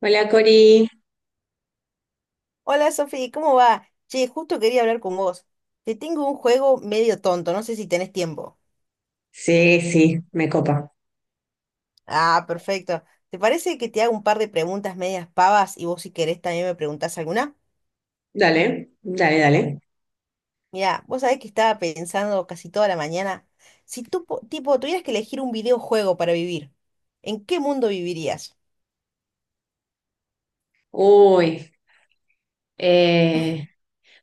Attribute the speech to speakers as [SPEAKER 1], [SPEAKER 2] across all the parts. [SPEAKER 1] Hola Cori.
[SPEAKER 2] Hola Sofía, ¿cómo va? Che, justo quería hablar con vos. Te tengo un juego medio tonto, no sé si tenés tiempo.
[SPEAKER 1] Sí, sí, me copa.
[SPEAKER 2] Ah, perfecto. ¿Te parece que te haga un par de preguntas medias pavas y vos si querés también me preguntás alguna?
[SPEAKER 1] Dale, dale, dale.
[SPEAKER 2] Mira, vos sabés que estaba pensando casi toda la mañana, si tú, tipo, tuvieras que elegir un videojuego para vivir, ¿en qué mundo vivirías?
[SPEAKER 1] Uy, eh,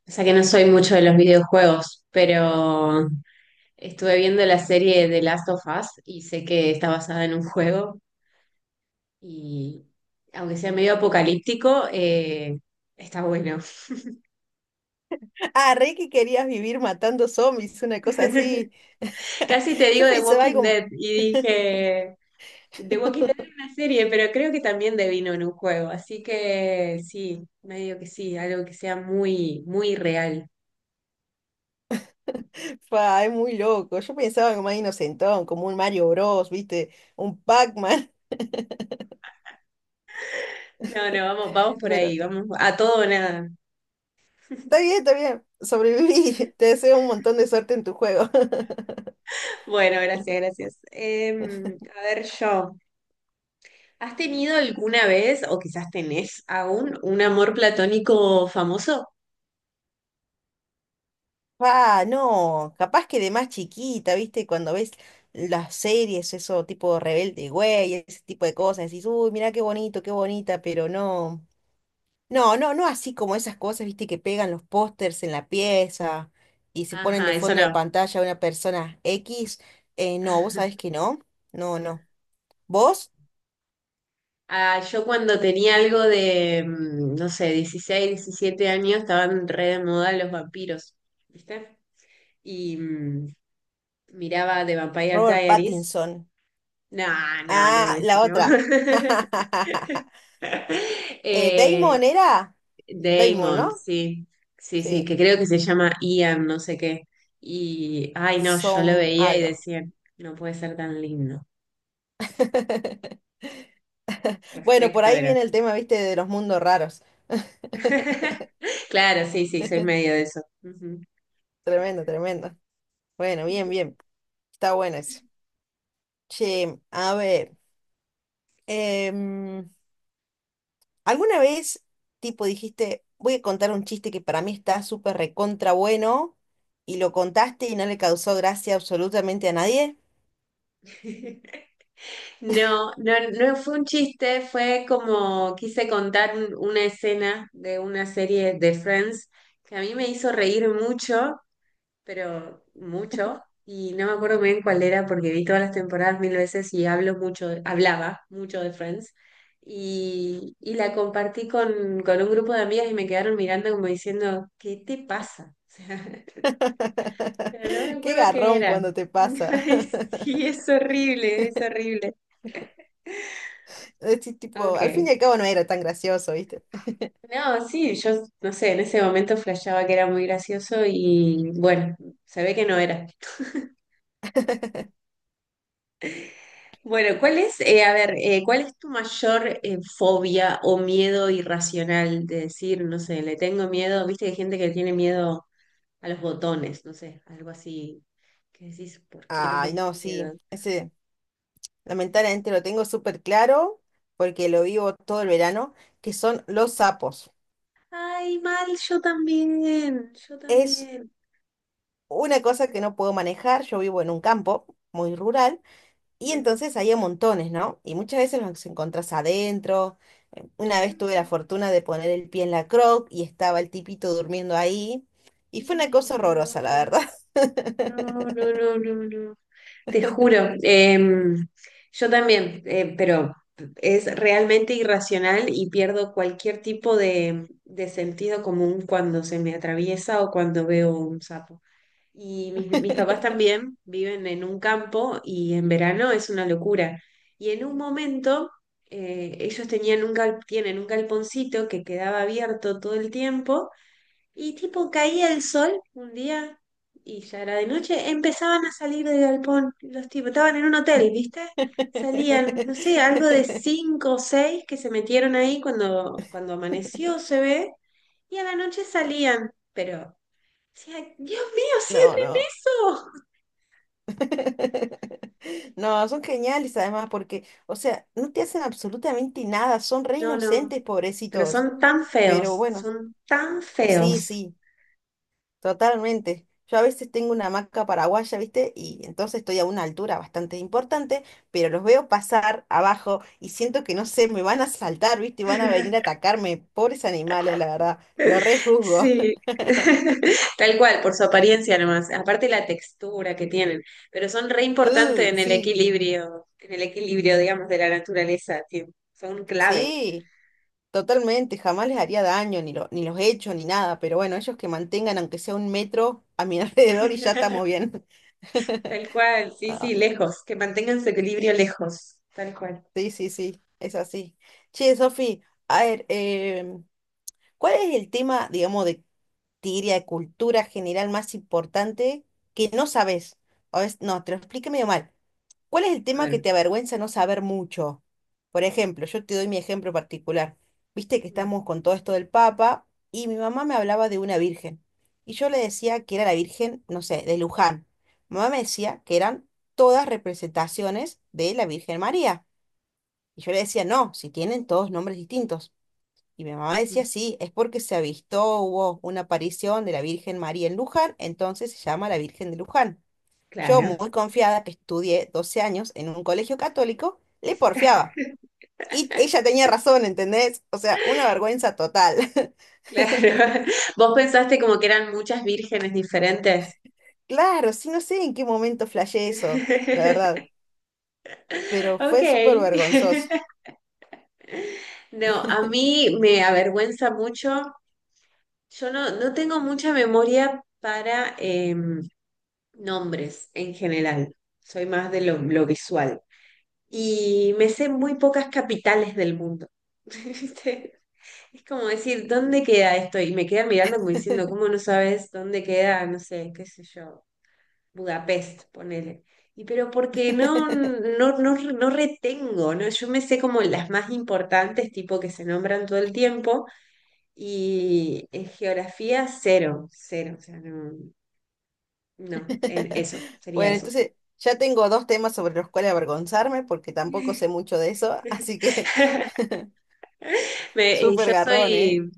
[SPEAKER 1] o sea que no soy mucho de los videojuegos, pero estuve viendo la serie de Last of Us y sé que está basada en un juego y aunque sea medio apocalíptico, está bueno.
[SPEAKER 2] Ah, re que querías vivir matando zombies, una cosa así.
[SPEAKER 1] Casi te
[SPEAKER 2] Yo
[SPEAKER 1] digo The
[SPEAKER 2] pensaba
[SPEAKER 1] Walking
[SPEAKER 2] algo,
[SPEAKER 1] Dead y dije, The Walking Dead es una serie, pero creo que también devino en un juego, así que sí, medio que sí, algo que sea muy, muy real.
[SPEAKER 2] Pa, es muy loco. Yo pensaba algo más inocentón, como un Mario Bros, ¿viste? Un Pac-Man.
[SPEAKER 1] No, no, vamos, vamos por
[SPEAKER 2] Pero
[SPEAKER 1] ahí, vamos a todo o nada.
[SPEAKER 2] está bien, está bien. Sobreviví. Te deseo un montón de suerte en tu juego.
[SPEAKER 1] Bueno, gracias, gracias. A ver, yo, ¿has tenido alguna vez, o quizás tenés aún, un amor platónico famoso?
[SPEAKER 2] Pa, no. Capaz que de más chiquita, ¿viste? Cuando ves las series, eso tipo Rebelde Güey, ese tipo de cosas, decís, uy, mirá qué bonito, qué bonita, pero no. No, no, no así como esas cosas, ¿viste? Que pegan los pósters en la pieza y se ponen
[SPEAKER 1] Ajá,
[SPEAKER 2] de
[SPEAKER 1] eso
[SPEAKER 2] fondo de
[SPEAKER 1] no.
[SPEAKER 2] pantalla a una persona X. No, vos sabés que no. No, no. ¿Vos?
[SPEAKER 1] Ah, yo cuando tenía algo de, no sé, 16 17 años, estaban re de moda los vampiros, ¿viste? Y miraba The Vampire
[SPEAKER 2] Robert
[SPEAKER 1] Diaries.
[SPEAKER 2] Pattinson.
[SPEAKER 1] No, no, no,
[SPEAKER 2] Ah,
[SPEAKER 1] ese
[SPEAKER 2] la
[SPEAKER 1] no.
[SPEAKER 2] otra.
[SPEAKER 1] Eh,
[SPEAKER 2] Damon era. Damon,
[SPEAKER 1] Damon,
[SPEAKER 2] ¿no?
[SPEAKER 1] sí, sí, sí,
[SPEAKER 2] Sí.
[SPEAKER 1] que creo que se llama Ian, no sé qué. Y, ay, no, yo lo
[SPEAKER 2] Son
[SPEAKER 1] veía y
[SPEAKER 2] algo.
[SPEAKER 1] decía, no puede ser tan lindo.
[SPEAKER 2] Bueno, por
[SPEAKER 1] Perfecto
[SPEAKER 2] ahí
[SPEAKER 1] era.
[SPEAKER 2] viene el tema, viste, de los mundos raros.
[SPEAKER 1] Claro, sí, sí, soy medio de eso. Ujú.
[SPEAKER 2] Tremendo, tremendo. Bueno, bien, bien. Está bueno eso. Che, a ver. em, ¿Alguna vez, tipo, dijiste, voy a contar un chiste que para mí está súper recontra bueno y lo contaste y no le causó gracia absolutamente a nadie?
[SPEAKER 1] No, no, no fue un chiste, fue como quise contar una escena de una serie de Friends que a mí me hizo reír mucho, pero mucho, y no me acuerdo muy bien cuál era porque vi todas las temporadas mil veces y hablo mucho, hablaba mucho de Friends, y la compartí con un grupo de amigas y me quedaron mirando como diciendo, ¿qué te pasa? O sea, pero no me
[SPEAKER 2] Qué
[SPEAKER 1] acuerdo qué
[SPEAKER 2] garrón
[SPEAKER 1] era.
[SPEAKER 2] cuando te pasa.
[SPEAKER 1] Ay, sí, es horrible, es horrible.
[SPEAKER 2] Decís, tipo, al fin y
[SPEAKER 1] Ok.
[SPEAKER 2] al cabo no era tan gracioso, ¿viste?
[SPEAKER 1] No, sí, yo no sé, en ese momento flasheaba que era muy gracioso y bueno, se ve que no era. Bueno, ¿cuál es, a ver, cuál es tu mayor fobia o miedo irracional de decir, no sé, le tengo miedo, viste que hay gente que tiene miedo a los botones, no sé, algo así, que decís, ¿por qué le
[SPEAKER 2] Ay,
[SPEAKER 1] tenés
[SPEAKER 2] no, sí,
[SPEAKER 1] miedo?
[SPEAKER 2] ese lamentablemente lo tengo súper claro porque lo vivo todo el verano, que son los sapos.
[SPEAKER 1] Ay, mal, yo también, yo
[SPEAKER 2] Es
[SPEAKER 1] también.
[SPEAKER 2] una cosa que no puedo manejar, yo vivo en un campo muy rural y
[SPEAKER 1] Ujú.
[SPEAKER 2] entonces hay a montones, ¿no? Y muchas veces los encontrás adentro. Una vez tuve la fortuna de poner el pie en la croc y estaba el tipito durmiendo ahí y fue una
[SPEAKER 1] Ay,
[SPEAKER 2] cosa
[SPEAKER 1] no,
[SPEAKER 2] horrorosa, la verdad.
[SPEAKER 1] no, no, no, no, no. Te juro, yo también, pero es realmente irracional y pierdo cualquier tipo de sentido común cuando se me atraviesa o cuando veo un sapo. Y mis papás también viven en un campo y en verano es una locura. Y en un momento ellos tienen un galponcito que quedaba abierto todo el tiempo y tipo caía el sol un día y ya era de noche, empezaban a salir del galpón los tipos, estaban en un hotel, ¿viste? Salían, no sé, algo de cinco o seis que se metieron ahí cuando amaneció, se ve, y a la noche salían, pero decía, Dios mío,
[SPEAKER 2] No,
[SPEAKER 1] cierren
[SPEAKER 2] no.
[SPEAKER 1] eso.
[SPEAKER 2] No, son geniales además porque, o sea, no te hacen absolutamente nada, son re
[SPEAKER 1] No, no,
[SPEAKER 2] inocentes,
[SPEAKER 1] pero
[SPEAKER 2] pobrecitos.
[SPEAKER 1] son tan
[SPEAKER 2] Pero
[SPEAKER 1] feos,
[SPEAKER 2] bueno,
[SPEAKER 1] son tan
[SPEAKER 2] sí,
[SPEAKER 1] feos.
[SPEAKER 2] sí, totalmente. Yo a veces tengo una hamaca paraguaya, ¿viste? Y entonces estoy a una altura bastante importante, pero los veo pasar abajo y siento que no sé, me van a saltar, ¿viste? Y van a venir a atacarme. Pobres animales, la verdad. Los rejuzgo.
[SPEAKER 1] Sí, tal cual, por su apariencia nomás, aparte la textura que tienen, pero son re importantes
[SPEAKER 2] Sí,
[SPEAKER 1] en el equilibrio, digamos, de la naturaleza, son clave.
[SPEAKER 2] sí. Totalmente, jamás les haría daño, ni, ni los hecho, ni nada, pero bueno, ellos que mantengan aunque sea un metro a mi alrededor y ya estamos bien.
[SPEAKER 1] Tal cual, sí, sí,
[SPEAKER 2] Ah,
[SPEAKER 1] lejos, que mantengan su equilibrio lejos, tal cual.
[SPEAKER 2] sí, sí, sí, es así. Che, Sofi, a ver, ¿cuál es el tema, digamos, de, te diría, de cultura general más importante que no sabes? O es, no, te lo expliqué medio mal. ¿Cuál es el
[SPEAKER 1] A
[SPEAKER 2] tema que
[SPEAKER 1] ver.
[SPEAKER 2] te avergüenza no saber mucho? Por ejemplo, yo te doy mi ejemplo particular. Viste que
[SPEAKER 1] Mm.
[SPEAKER 2] estamos con todo esto del Papa y mi mamá me hablaba de una virgen. Y yo le decía que era la virgen, no sé, de Luján. Mi mamá me decía que eran todas representaciones de la Virgen María. Y yo le decía, no, si tienen todos nombres distintos. Y mi mamá decía,
[SPEAKER 1] Ujú.
[SPEAKER 2] sí, es porque se avistó, hubo una aparición de la Virgen María en Luján, entonces se llama la Virgen de Luján. Yo,
[SPEAKER 1] Claro.
[SPEAKER 2] muy confiada que estudié 12 años en un colegio católico, le porfiaba. Y ella tenía razón, ¿entendés? O sea, una vergüenza total.
[SPEAKER 1] Claro. Vos pensaste como que eran muchas vírgenes diferentes.
[SPEAKER 2] Claro, sí, no sé en qué momento flashé eso, la verdad, pero
[SPEAKER 1] Ok.
[SPEAKER 2] fue súper vergonzoso.
[SPEAKER 1] No, a mí me avergüenza mucho. Yo no, no tengo mucha memoria para nombres en general. Soy más de lo visual. Y me sé muy pocas capitales del mundo. ¿Viste? Es como decir, ¿dónde queda esto? Y me quedan mirando como diciendo, ¿cómo no sabes dónde queda? No sé, qué sé yo. Budapest, ponele. Y pero porque no, no, no, no retengo, ¿no? Yo me sé como las más importantes, tipo que se nombran todo el tiempo, y en geografía cero, cero, o sea, no, no, eso, sería
[SPEAKER 2] Bueno,
[SPEAKER 1] eso.
[SPEAKER 2] entonces ya tengo dos temas sobre los cuales avergonzarme porque tampoco sé mucho de eso, así que
[SPEAKER 1] Me- eh,
[SPEAKER 2] súper
[SPEAKER 1] yo
[SPEAKER 2] garrón, ¿eh?
[SPEAKER 1] soy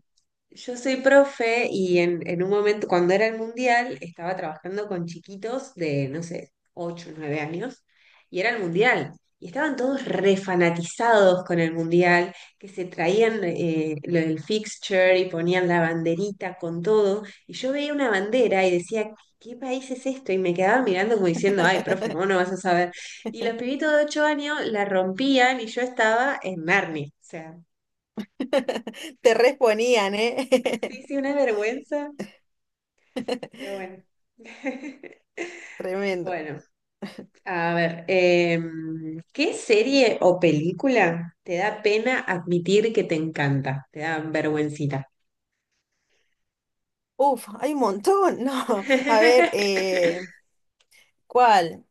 [SPEAKER 1] Yo soy profe y en un momento, cuando era el mundial, estaba trabajando con chiquitos de, no sé, 8 9 años, y era el mundial. Y estaban todos refanatizados con el mundial, que se traían lo del fixture y ponían la banderita con todo. Y yo veía una bandera y decía, ¿qué país es esto? Y me quedaba mirando como diciendo, ay, profe, ¿cómo no vas a saber? Y los pibitos de 8 años la rompían y yo estaba en Narnia. O sea,
[SPEAKER 2] Te responían, ¿eh?
[SPEAKER 1] sí, sí, una vergüenza. Pero bueno.
[SPEAKER 2] Tremendo.
[SPEAKER 1] Bueno, a ver, ¿qué serie o película te da pena admitir que te encanta? Te da vergüencita.
[SPEAKER 2] Uf, hay un montón, no. A ver, ¿cuál?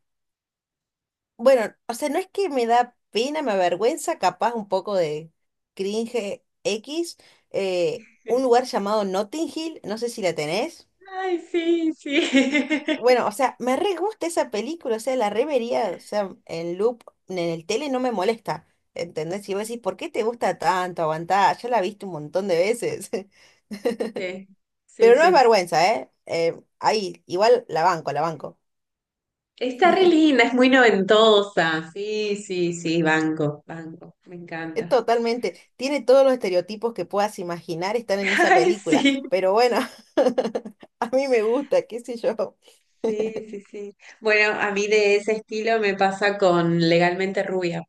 [SPEAKER 2] Bueno, o sea, no es que me da pena, me avergüenza, capaz un poco de cringe X, un lugar llamado Notting Hill, no sé si la tenés.
[SPEAKER 1] Ay, sí, sí.
[SPEAKER 2] Bueno, o sea, me re gusta esa película, o sea, la revería, o sea, en loop, en el tele no me molesta, ¿entendés? Y vos decís, ¿por qué te gusta tanto? Aguantá, ya la viste un montón de veces.
[SPEAKER 1] Sí, sí,
[SPEAKER 2] Pero no es
[SPEAKER 1] sí.
[SPEAKER 2] vergüenza, ¿eh? Ahí, igual la banco, la banco.
[SPEAKER 1] Está re linda, es muy noventosa. Sí, sí, sí, banco, banco, me encanta.
[SPEAKER 2] Totalmente, tiene todos los estereotipos que puedas imaginar están en esa
[SPEAKER 1] Ay,
[SPEAKER 2] película,
[SPEAKER 1] sí.
[SPEAKER 2] pero bueno, a mí me gusta, qué sé yo.
[SPEAKER 1] Sí, sí, sí. Bueno, a mí de ese estilo me pasa con Legalmente Rubia.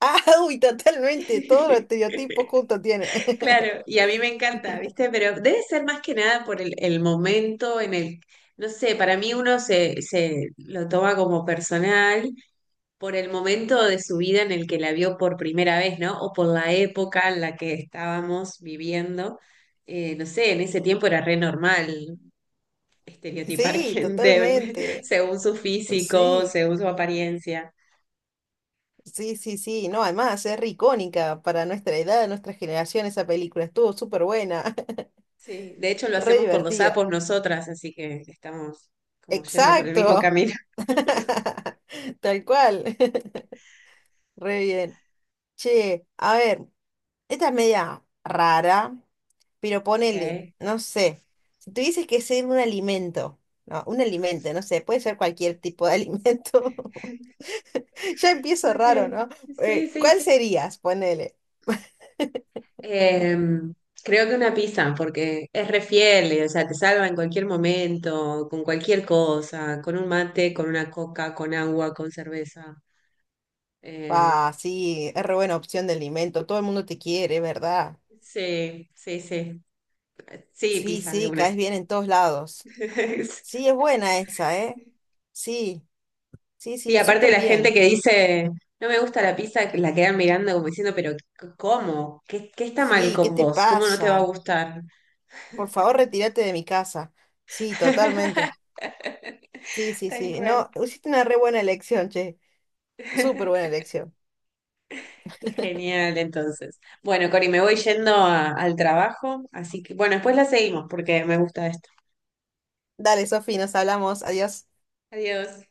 [SPEAKER 2] Ah, uy, totalmente, todos los estereotipos juntos tiene.
[SPEAKER 1] Claro, y a mí me encanta, ¿viste? Pero debe ser más que nada por el momento en el, no sé, para mí uno se lo toma como personal por el momento de su vida en el que la vio por primera vez, ¿no? O por la época en la que estábamos viviendo. No sé, en ese tiempo era re normal estereotipar
[SPEAKER 2] Sí,
[SPEAKER 1] gente
[SPEAKER 2] totalmente.
[SPEAKER 1] según su físico,
[SPEAKER 2] Sí,
[SPEAKER 1] según su apariencia.
[SPEAKER 2] sí, sí, sí. No, además es re icónica para nuestra edad, nuestra generación, esa película. Estuvo súper buena,
[SPEAKER 1] Sí, de hecho lo
[SPEAKER 2] re
[SPEAKER 1] hacemos con los
[SPEAKER 2] divertida.
[SPEAKER 1] sapos nosotras, así que estamos como yendo por el mismo
[SPEAKER 2] Exacto.
[SPEAKER 1] camino.
[SPEAKER 2] Tal cual. Re bien. Che, a ver. Esta es media rara, pero
[SPEAKER 1] Ok.
[SPEAKER 2] ponele, no sé. Si tuvieses que ser un alimento, no sé, puede ser cualquier tipo de alimento. Ya empiezo raro,
[SPEAKER 1] Okay.
[SPEAKER 2] ¿no?
[SPEAKER 1] Sí, sí,
[SPEAKER 2] ¿Cuál
[SPEAKER 1] sí.
[SPEAKER 2] serías? Ponele.
[SPEAKER 1] Em, Creo que una pizza, porque es re fiel, o sea, te salva en cualquier momento, con cualquier cosa, con un mate, con una coca, con agua, con cerveza. Eh,
[SPEAKER 2] Ah, sí, es re buena opción de alimento. Todo el mundo te quiere, ¿verdad?
[SPEAKER 1] sí, sí, sí. Sí,
[SPEAKER 2] Sí,
[SPEAKER 1] pizza de
[SPEAKER 2] sí, caes
[SPEAKER 1] una.
[SPEAKER 2] bien en todos lados.
[SPEAKER 1] Es-
[SPEAKER 2] Sí, es buena esa, ¿eh? Sí, sí,
[SPEAKER 1] Sí,
[SPEAKER 2] sí,
[SPEAKER 1] aparte
[SPEAKER 2] súper
[SPEAKER 1] la gente
[SPEAKER 2] bien.
[SPEAKER 1] que dice, no me gusta la pizza, que la quedan mirando como diciendo, pero ¿cómo? ¿Qué está mal
[SPEAKER 2] Sí, ¿qué
[SPEAKER 1] con
[SPEAKER 2] te
[SPEAKER 1] vos? ¿Cómo no te va a
[SPEAKER 2] pasa?
[SPEAKER 1] gustar?
[SPEAKER 2] Por favor, retírate de mi casa. Sí, totalmente. Sí, sí,
[SPEAKER 1] Tal
[SPEAKER 2] sí.
[SPEAKER 1] cual.
[SPEAKER 2] No, hiciste una re buena elección, che. Súper buena elección.
[SPEAKER 1] Genial, entonces. Bueno, Cori, me voy yendo al trabajo, así que bueno, después la seguimos porque me gusta esto.
[SPEAKER 2] Dale, Sofi, nos hablamos. Adiós.
[SPEAKER 1] Adiós.